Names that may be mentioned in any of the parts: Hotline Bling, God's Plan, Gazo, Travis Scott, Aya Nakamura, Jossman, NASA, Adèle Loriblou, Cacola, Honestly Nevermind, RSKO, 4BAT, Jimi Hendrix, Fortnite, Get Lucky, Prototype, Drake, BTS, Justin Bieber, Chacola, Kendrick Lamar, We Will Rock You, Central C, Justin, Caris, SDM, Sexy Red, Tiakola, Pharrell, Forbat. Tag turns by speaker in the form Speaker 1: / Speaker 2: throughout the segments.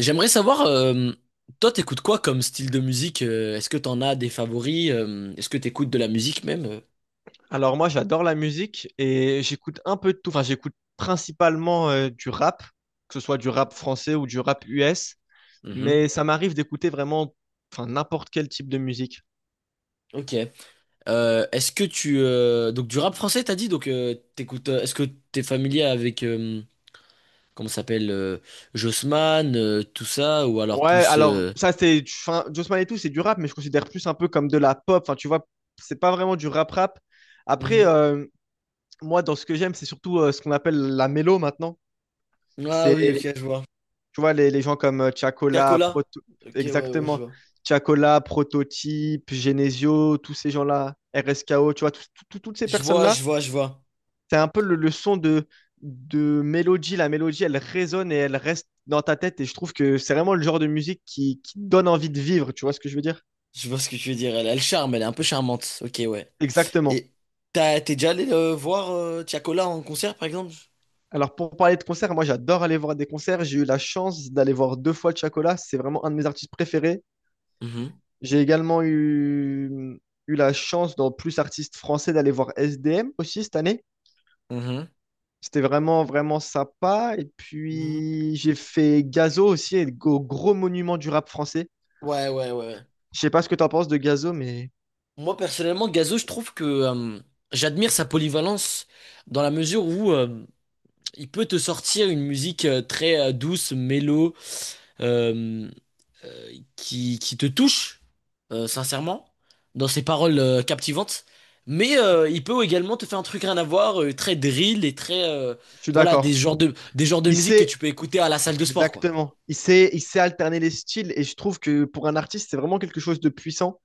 Speaker 1: J'aimerais savoir, toi, t'écoutes quoi comme style de musique? Est-ce que t'en as des favoris? Est-ce que t'écoutes de la musique même?
Speaker 2: Alors moi, j'adore la musique et j'écoute un peu de tout. Enfin, j'écoute principalement du rap, que ce soit du rap français ou du rap US,
Speaker 1: Mhm.
Speaker 2: mais ça m'arrive d'écouter vraiment, enfin, n'importe quel type de musique.
Speaker 1: Ok. Est-ce que tu donc du rap français t'as dit donc t'écoutes est-ce que t'es familier avec comment ça s'appelle Jossman tout ça ou alors
Speaker 2: Ouais,
Speaker 1: plus
Speaker 2: alors ça c'est, enfin, Josman et tout, c'est du rap, mais je considère plus un peu comme de la pop. Enfin, tu vois, c'est pas vraiment du rap rap. Après,
Speaker 1: Mhm.
Speaker 2: moi, dans ce que j'aime, c'est surtout ce qu'on appelle la mélo maintenant.
Speaker 1: Ah oui, ok,
Speaker 2: C'est
Speaker 1: je vois.
Speaker 2: Tu vois, les gens comme Chacola,
Speaker 1: Cacola,
Speaker 2: Proto...
Speaker 1: ok, ouais, ouais, je
Speaker 2: Exactement.
Speaker 1: vois,
Speaker 2: Chacola, Prototype, Genesio, tous ces gens-là, RSKO, tu vois, toutes ces
Speaker 1: je vois,
Speaker 2: personnes-là,
Speaker 1: je vois, je vois.
Speaker 2: c'est un peu le son de mélodie. La mélodie, elle résonne et elle reste dans ta tête. Et je trouve que c'est vraiment le genre de musique qui donne envie de vivre, tu vois ce que je veux dire?
Speaker 1: Je vois ce que tu veux dire, elle a le charme, elle est un peu charmante, ok, ouais.
Speaker 2: Exactement.
Speaker 1: Et t'as, t'es déjà allé voir Tiakola en concert, par exemple?
Speaker 2: Alors, pour parler de concerts, moi, j'adore aller voir des concerts. J'ai eu la chance d'aller voir deux fois Chacola. C'est vraiment un de mes artistes préférés.
Speaker 1: Mhm.
Speaker 2: J'ai également eu la chance dans Plus Artistes Français d'aller voir SDM aussi cette année.
Speaker 1: Mhm.
Speaker 2: C'était vraiment, vraiment sympa. Et
Speaker 1: Mhm.
Speaker 2: puis, j'ai fait Gazo aussi, et le gros, gros monument du rap français.
Speaker 1: Ouais, ouais, ouais.
Speaker 2: Je sais pas ce que tu en penses de Gazo, mais
Speaker 1: Moi, personnellement, Gazo, je trouve que j'admire sa polyvalence dans la mesure où il peut te sortir une musique très douce, mélo, euh, euh, qui te touche, sincèrement, dans ses paroles captivantes. Mais il peut également te faire un truc rien à voir, très drill et très.
Speaker 2: je suis
Speaker 1: Voilà,
Speaker 2: d'accord.
Speaker 1: des genres de
Speaker 2: Il
Speaker 1: musique que
Speaker 2: sait,
Speaker 1: tu peux écouter à la salle de sport, quoi.
Speaker 2: exactement, il sait alterner les styles. Et je trouve que pour un artiste, c'est vraiment quelque chose de puissant.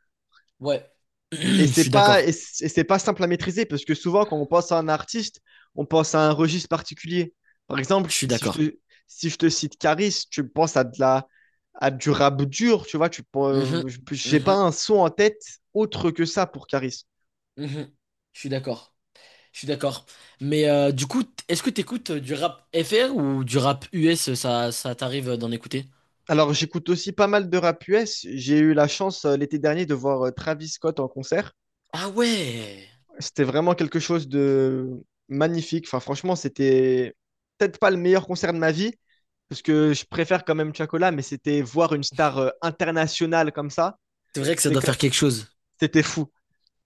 Speaker 1: Ouais,
Speaker 2: Et
Speaker 1: je
Speaker 2: c'est
Speaker 1: suis
Speaker 2: pas, et
Speaker 1: d'accord.
Speaker 2: c'est et c'est pas simple à maîtriser parce que souvent, quand on pense à un artiste, on pense à un registre particulier. Par exemple,
Speaker 1: Je suis
Speaker 2: si je
Speaker 1: d'accord.
Speaker 2: te, si je te cite Caris, tu penses à du rap dur, tu vois,
Speaker 1: Mhm,
Speaker 2: j'ai
Speaker 1: mhm,
Speaker 2: pas un son en tête autre que ça pour Caris.
Speaker 1: mhm. Je suis d'accord. Je suis d'accord. Mais du coup, est-ce que t'écoutes du rap FR ou du rap US, ça, ça t'arrive d'en écouter?
Speaker 2: Alors, j'écoute aussi pas mal de rap US. J'ai eu la chance l'été dernier de voir Travis Scott en concert.
Speaker 1: Ah ouais!
Speaker 2: C'était vraiment quelque chose de magnifique. Enfin, franchement, c'était peut-être pas le meilleur concert de ma vie, parce que je préfère quand même Chacola, mais c'était voir une star internationale comme ça,
Speaker 1: C'est vrai que ça
Speaker 2: c'était
Speaker 1: doit faire
Speaker 2: que-
Speaker 1: quelque chose.
Speaker 2: c'était fou.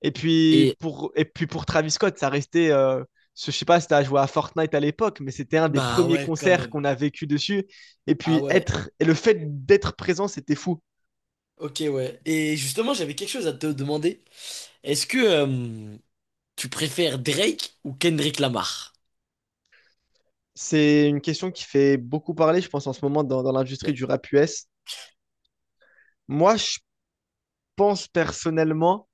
Speaker 2: Et puis
Speaker 1: Et
Speaker 2: pour et puis pour Travis Scott, ça restait je sais pas si t'as joué à Fortnite à l'époque, mais c'était un des
Speaker 1: bah
Speaker 2: premiers
Speaker 1: ouais, quand
Speaker 2: concerts
Speaker 1: même.
Speaker 2: qu'on a vécu dessus. Et
Speaker 1: Ah
Speaker 2: puis
Speaker 1: ouais.
Speaker 2: être et le fait d'être présent, c'était fou.
Speaker 1: Ok, ouais. Et justement, j'avais quelque chose à te demander. Est-ce que tu préfères Drake ou Kendrick Lamar?
Speaker 2: C'est une question qui fait beaucoup parler, je pense, en ce moment dans
Speaker 1: Ouais.
Speaker 2: l'industrie du rap US. Moi, je pense personnellement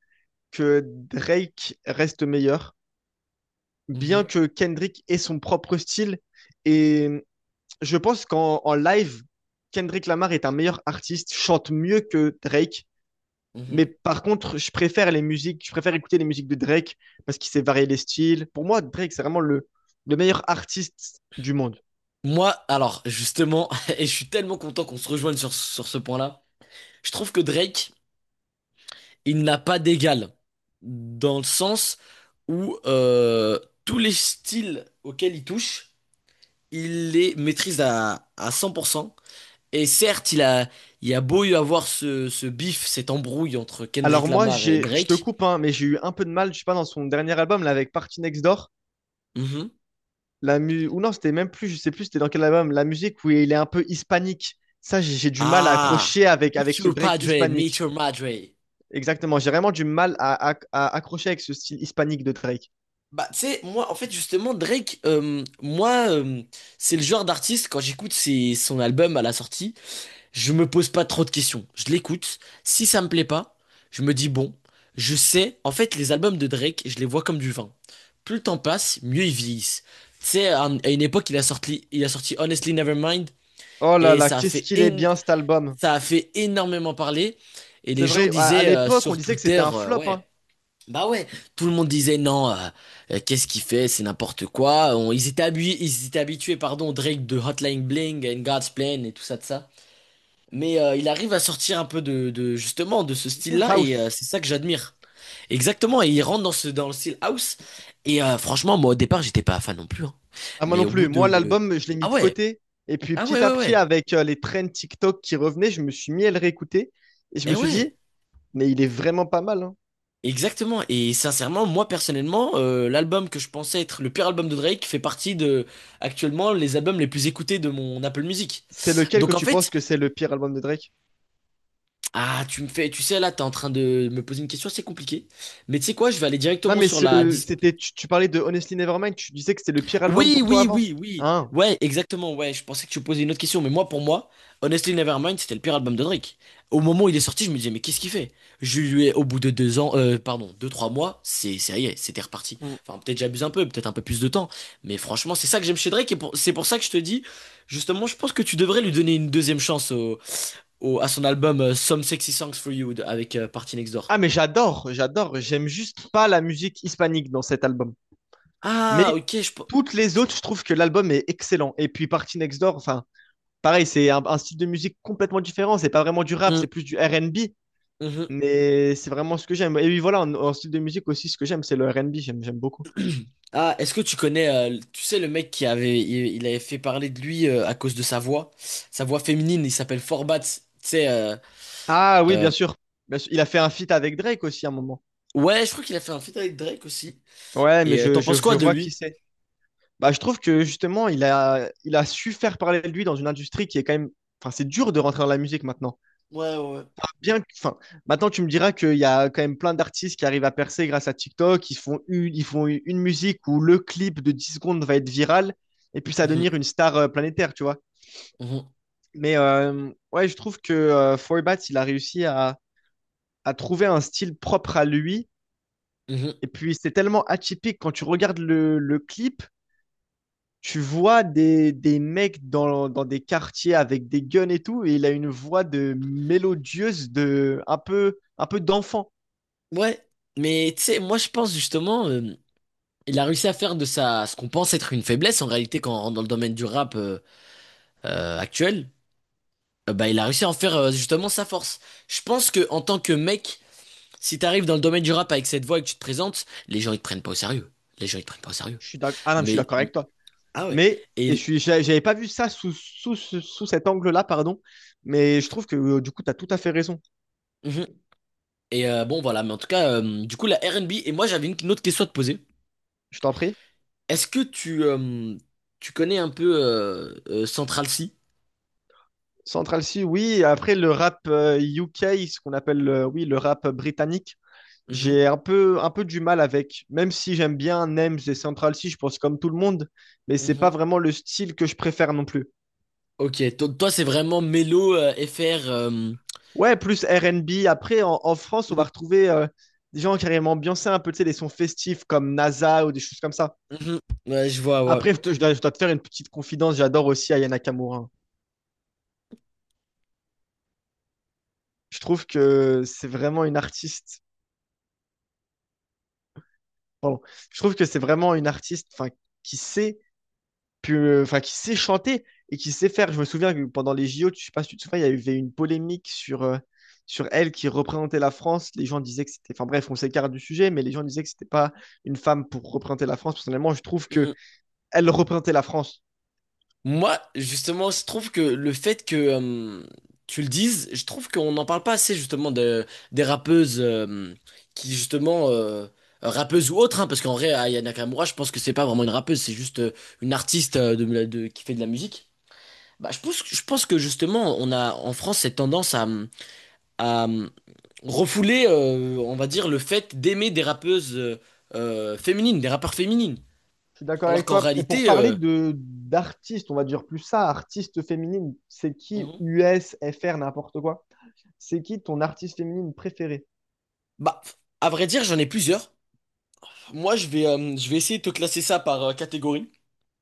Speaker 2: que Drake reste meilleur, bien
Speaker 1: Mhm,
Speaker 2: que Kendrick ait son propre style. Et je pense qu'en live, Kendrick Lamar est un meilleur artiste, chante mieux que Drake.
Speaker 1: mhm.
Speaker 2: Mais par contre, je préfère écouter les musiques de Drake parce qu'il sait varier les styles. Pour moi, Drake, c'est vraiment le meilleur artiste du monde.
Speaker 1: Moi, alors, justement, et je suis tellement content qu'on se rejoigne sur, sur ce point-là. Je trouve que Drake, il n'a pas d'égal dans le sens où tous les styles auxquels il touche, il les maîtrise à 100%. Et certes, il a beau y avoir ce, ce bif, cette embrouille entre Kendrick
Speaker 2: Alors moi,
Speaker 1: Lamar et
Speaker 2: je te
Speaker 1: Drake.
Speaker 2: coupe, hein, mais j'ai eu un peu de mal, je sais pas, dans son dernier album, là, avec Party Next Door.
Speaker 1: Mhm.
Speaker 2: Ou non, c'était même plus, je sais plus, c'était dans quel album, la musique où il est un peu hispanique. Ça, j'ai du mal à
Speaker 1: Ah,
Speaker 2: accrocher avec
Speaker 1: meet
Speaker 2: ce
Speaker 1: your
Speaker 2: Drake
Speaker 1: padre, meet
Speaker 2: hispanique.
Speaker 1: your madre.
Speaker 2: Exactement, j'ai vraiment du mal à accrocher avec ce style hispanique de Drake.
Speaker 1: Bah, tu sais, moi, en fait, justement, Drake, moi, c'est le genre d'artiste, quand j'écoute son album à la sortie, je me pose pas trop de questions. Je l'écoute. Si ça me plaît pas, je me dis bon, je sais. En fait, les albums de Drake, je les vois comme du vin. Plus le temps passe, mieux ils vieillissent. Tu sais, à une époque, il a sorti Honestly Nevermind
Speaker 2: Oh là
Speaker 1: et
Speaker 2: là,
Speaker 1: ça a
Speaker 2: qu'est-ce
Speaker 1: fait,
Speaker 2: qu'il est bien cet album.
Speaker 1: ça a fait énormément parler. Et
Speaker 2: C'est
Speaker 1: les gens
Speaker 2: vrai, à
Speaker 1: disaient
Speaker 2: l'époque, on
Speaker 1: sur
Speaker 2: disait que c'était
Speaker 1: Twitter,
Speaker 2: un flop, hein.
Speaker 1: ouais, bah ouais, tout le monde disait non, qu'est-ce qu'il fait, c'est n'importe quoi. Ils étaient habitués, ils étaient habitués, pardon, au Drake de Hotline Bling and God's Plan et tout ça de ça. Mais il arrive à sortir un peu de, justement de ce style-là et
Speaker 2: House.
Speaker 1: c'est ça que j'admire. Exactement, et il rentre dans ce dans le style house et franchement, moi au départ j'étais pas fan non plus, hein.
Speaker 2: Ah, moi
Speaker 1: Mais
Speaker 2: non
Speaker 1: au bout
Speaker 2: plus. Moi,
Speaker 1: de.
Speaker 2: l'album, je l'ai mis
Speaker 1: Ah
Speaker 2: de
Speaker 1: ouais,
Speaker 2: côté. Et puis,
Speaker 1: ah ouais,
Speaker 2: petit à
Speaker 1: ouais,
Speaker 2: petit,
Speaker 1: ouais.
Speaker 2: avec les trends TikTok qui revenaient, je me suis mis à le réécouter. Et je me
Speaker 1: Eh
Speaker 2: suis
Speaker 1: ouais.
Speaker 2: dit, mais il est vraiment pas mal, hein.
Speaker 1: Exactement et sincèrement, moi personnellement l'album que je pensais être le pire album de Drake fait partie de actuellement les albums les plus écoutés de mon Apple Music.
Speaker 2: C'est lequel que
Speaker 1: Donc en
Speaker 2: tu
Speaker 1: fait,
Speaker 2: penses que c'est le pire album de Drake?
Speaker 1: ah tu me fais, tu sais là t'es en train de me poser une question, c'est compliqué. Mais tu sais quoi, je vais aller
Speaker 2: Non,
Speaker 1: directement
Speaker 2: mais
Speaker 1: sur la
Speaker 2: ce,
Speaker 1: dis.
Speaker 2: c'était, tu, tu parlais de Honestly Nevermind, tu disais que c'était le pire album
Speaker 1: Oui,
Speaker 2: pour toi
Speaker 1: oui,
Speaker 2: avant.
Speaker 1: oui, oui.
Speaker 2: Hein?
Speaker 1: Ouais, exactement. Ouais, je pensais que tu posais une autre question, mais moi, pour moi, Honestly Nevermind, c'était le pire album de Drake. Au moment où il est sorti, je me disais, mais qu'est-ce qu'il fait? Je lui ai, au bout de deux ans, pardon, deux, trois mois, c'est, ça y est, c'était reparti.
Speaker 2: Mm.
Speaker 1: Enfin, peut-être j'abuse un peu, peut-être un peu plus de temps, mais franchement, c'est ça que j'aime chez Drake, et c'est pour ça que je te dis, justement, je pense que tu devrais lui donner une deuxième chance au, à son album Some Sexy Songs for You avec Party Next Door.
Speaker 2: Ah, mais j'adore, j'adore. J'aime juste pas la musique hispanique dans cet album.
Speaker 1: Ah,
Speaker 2: Mais
Speaker 1: ok,
Speaker 2: toutes les
Speaker 1: je-
Speaker 2: autres, je trouve que l'album est excellent. Et puis Party Next Door, enfin, pareil, c'est un style de musique complètement différent. C'est pas vraiment du rap,
Speaker 1: Mhm,
Speaker 2: c'est plus du R&B.
Speaker 1: mhm.
Speaker 2: Mais c'est vraiment ce que j'aime. Et oui, voilà, en style de musique aussi, ce que j'aime, c'est le R&B. J'aime beaucoup.
Speaker 1: Ah, est-ce que tu connais, tu sais, le mec qui avait, il avait fait parler de lui à cause de sa voix féminine, il s'appelle Forbat, tu sais,
Speaker 2: Ah oui,
Speaker 1: euh,
Speaker 2: bien sûr. Bien sûr. Il a fait un feat avec Drake aussi à un moment.
Speaker 1: ouais, je crois qu'il a fait un feat avec Drake aussi.
Speaker 2: Ouais, mais
Speaker 1: Et
Speaker 2: je,
Speaker 1: t'en
Speaker 2: je,
Speaker 1: penses
Speaker 2: je
Speaker 1: quoi de
Speaker 2: vois qui
Speaker 1: lui?
Speaker 2: c'est. Bah, je trouve que justement, il a su faire parler de lui dans une industrie qui est quand même. Enfin, c'est dur de rentrer dans la musique maintenant.
Speaker 1: Ouais, ouais.
Speaker 2: Enfin, maintenant, tu me diras qu'il y a quand même plein d'artistes qui arrivent à percer grâce à TikTok. Ils font une musique où le clip de 10 secondes va être viral et puis ça va
Speaker 1: Mhm,
Speaker 2: devenir une star planétaire, tu vois.
Speaker 1: mhm,
Speaker 2: Mais ouais, je trouve que 4BAT, il a réussi à trouver un style propre à lui.
Speaker 1: mhm.
Speaker 2: Et puis, c'est tellement atypique quand tu regardes le clip. Tu vois des mecs dans des quartiers avec des guns et tout, et il a une voix de mélodieuse, de un peu d'enfant.
Speaker 1: Ouais, mais tu sais, moi je pense justement, il a réussi à faire de ça ce qu'on pense être une faiblesse en réalité quand dans le domaine du rap actuel, bah il a réussi à en faire justement sa force. Je pense que en tant que mec. Si t'arrives dans le domaine du rap avec cette voix et que tu te présentes, les gens ils te prennent pas au sérieux. Les gens ils te prennent pas au sérieux.
Speaker 2: Ah non, mais je suis
Speaker 1: Mais
Speaker 2: d'accord avec toi.
Speaker 1: ah ouais.
Speaker 2: Mais et je
Speaker 1: Et
Speaker 2: suis, j'a- j'avais pas vu ça sous cet angle-là, pardon. Mais je trouve que du coup, tu as tout à fait raison.
Speaker 1: Mhm. Et bon voilà. Mais en tout cas, du coup la R&B. Et moi j'avais une autre question à te poser.
Speaker 2: Je t'en prie.
Speaker 1: Est-ce que tu tu connais un peu Central C?
Speaker 2: Central C, oui. Après, le rap UK, ce qu'on appelle, oui, le rap britannique.
Speaker 1: Mhm.
Speaker 2: J'ai un peu du mal avec, même si j'aime bien Nems et Central C, je pense comme tout le monde, mais c'est pas
Speaker 1: Mhm.
Speaker 2: vraiment le style que je préfère non plus.
Speaker 1: Ok. Toi c'est vraiment mélo FR. Mhm.
Speaker 2: Ouais, plus R&B. Après, en France, on va retrouver des gens qui arrivent à ambiancer un peu, tu sais, les sons festifs comme NASA ou des choses comme ça.
Speaker 1: Mhm. Ouais, je vois. Ouais.
Speaker 2: Après, je dois te faire une petite confidence. J'adore aussi Aya Nakamura, hein. Je trouve que c'est vraiment une artiste. Pardon. Je trouve que c'est vraiment une artiste, enfin, qui sait qui sait chanter et qui sait faire. Je me souviens que pendant les JO, je sais pas si tu te souviens, il y avait une polémique sur elle qui représentait la France. Les gens disaient que c'était, enfin bref, on s'écarte du sujet, mais les gens disaient que c'était pas une femme pour représenter la France. Personnellement, je trouve que elle représentait la France.
Speaker 1: Moi, justement, je trouve que le fait que tu le dises, je trouve qu'on n'en parle pas assez justement de, des rappeuses qui justement rappeuses ou autres, hein, parce qu'en vrai, Aya Nakamura, je pense que c'est pas vraiment une rappeuse, c'est juste une artiste de, qui fait de la musique. Bah, je pense que justement, on a en France cette tendance à refouler, on va dire, le fait d'aimer des rappeuses féminines, des rappeurs féminines,
Speaker 2: Je suis d'accord
Speaker 1: alors
Speaker 2: avec
Speaker 1: qu'en
Speaker 2: toi. Et pour
Speaker 1: réalité,
Speaker 2: parler de d'artistes, on va dire plus ça, artiste féminine, c'est qui
Speaker 1: Mhm.
Speaker 2: US, FR, n'importe quoi. C'est qui ton artiste féminine préférée?
Speaker 1: Bah, à vrai dire, j'en ai plusieurs. Moi, je vais essayer de te classer ça par catégorie.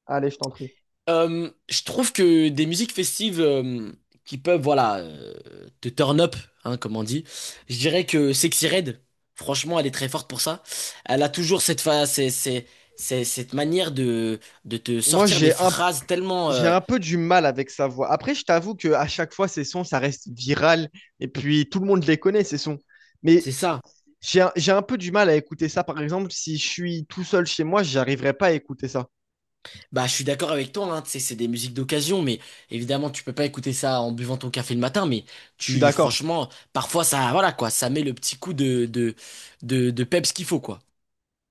Speaker 2: Allez, je t'en prie.
Speaker 1: Je trouve que des musiques festives qui peuvent, voilà, te turn up, hein, comme on dit. Je dirais que Sexy Red, franchement, elle est très forte pour ça. Elle a toujours cette c'est, cette manière de te
Speaker 2: Moi,
Speaker 1: sortir des
Speaker 2: j'ai un
Speaker 1: phrases tellement,
Speaker 2: j'ai un peu du mal avec sa voix. Après, je t'avoue que à chaque fois, ces sons, ça reste viral. Et puis, tout le monde les connaît, ces sons. Mais
Speaker 1: c'est ça.
Speaker 2: j'ai un peu du mal à écouter ça. Par exemple, si je suis tout seul chez moi, j'arriverai pas à écouter ça.
Speaker 1: Bah, je suis d'accord avec toi, hein, tu sais, c'est des musiques d'occasion, mais évidemment, tu peux pas écouter ça en buvant ton café le matin, mais
Speaker 2: Je suis
Speaker 1: tu,
Speaker 2: d'accord.
Speaker 1: franchement, parfois, ça, voilà, quoi, ça met le petit coup de peps qu'il faut, quoi.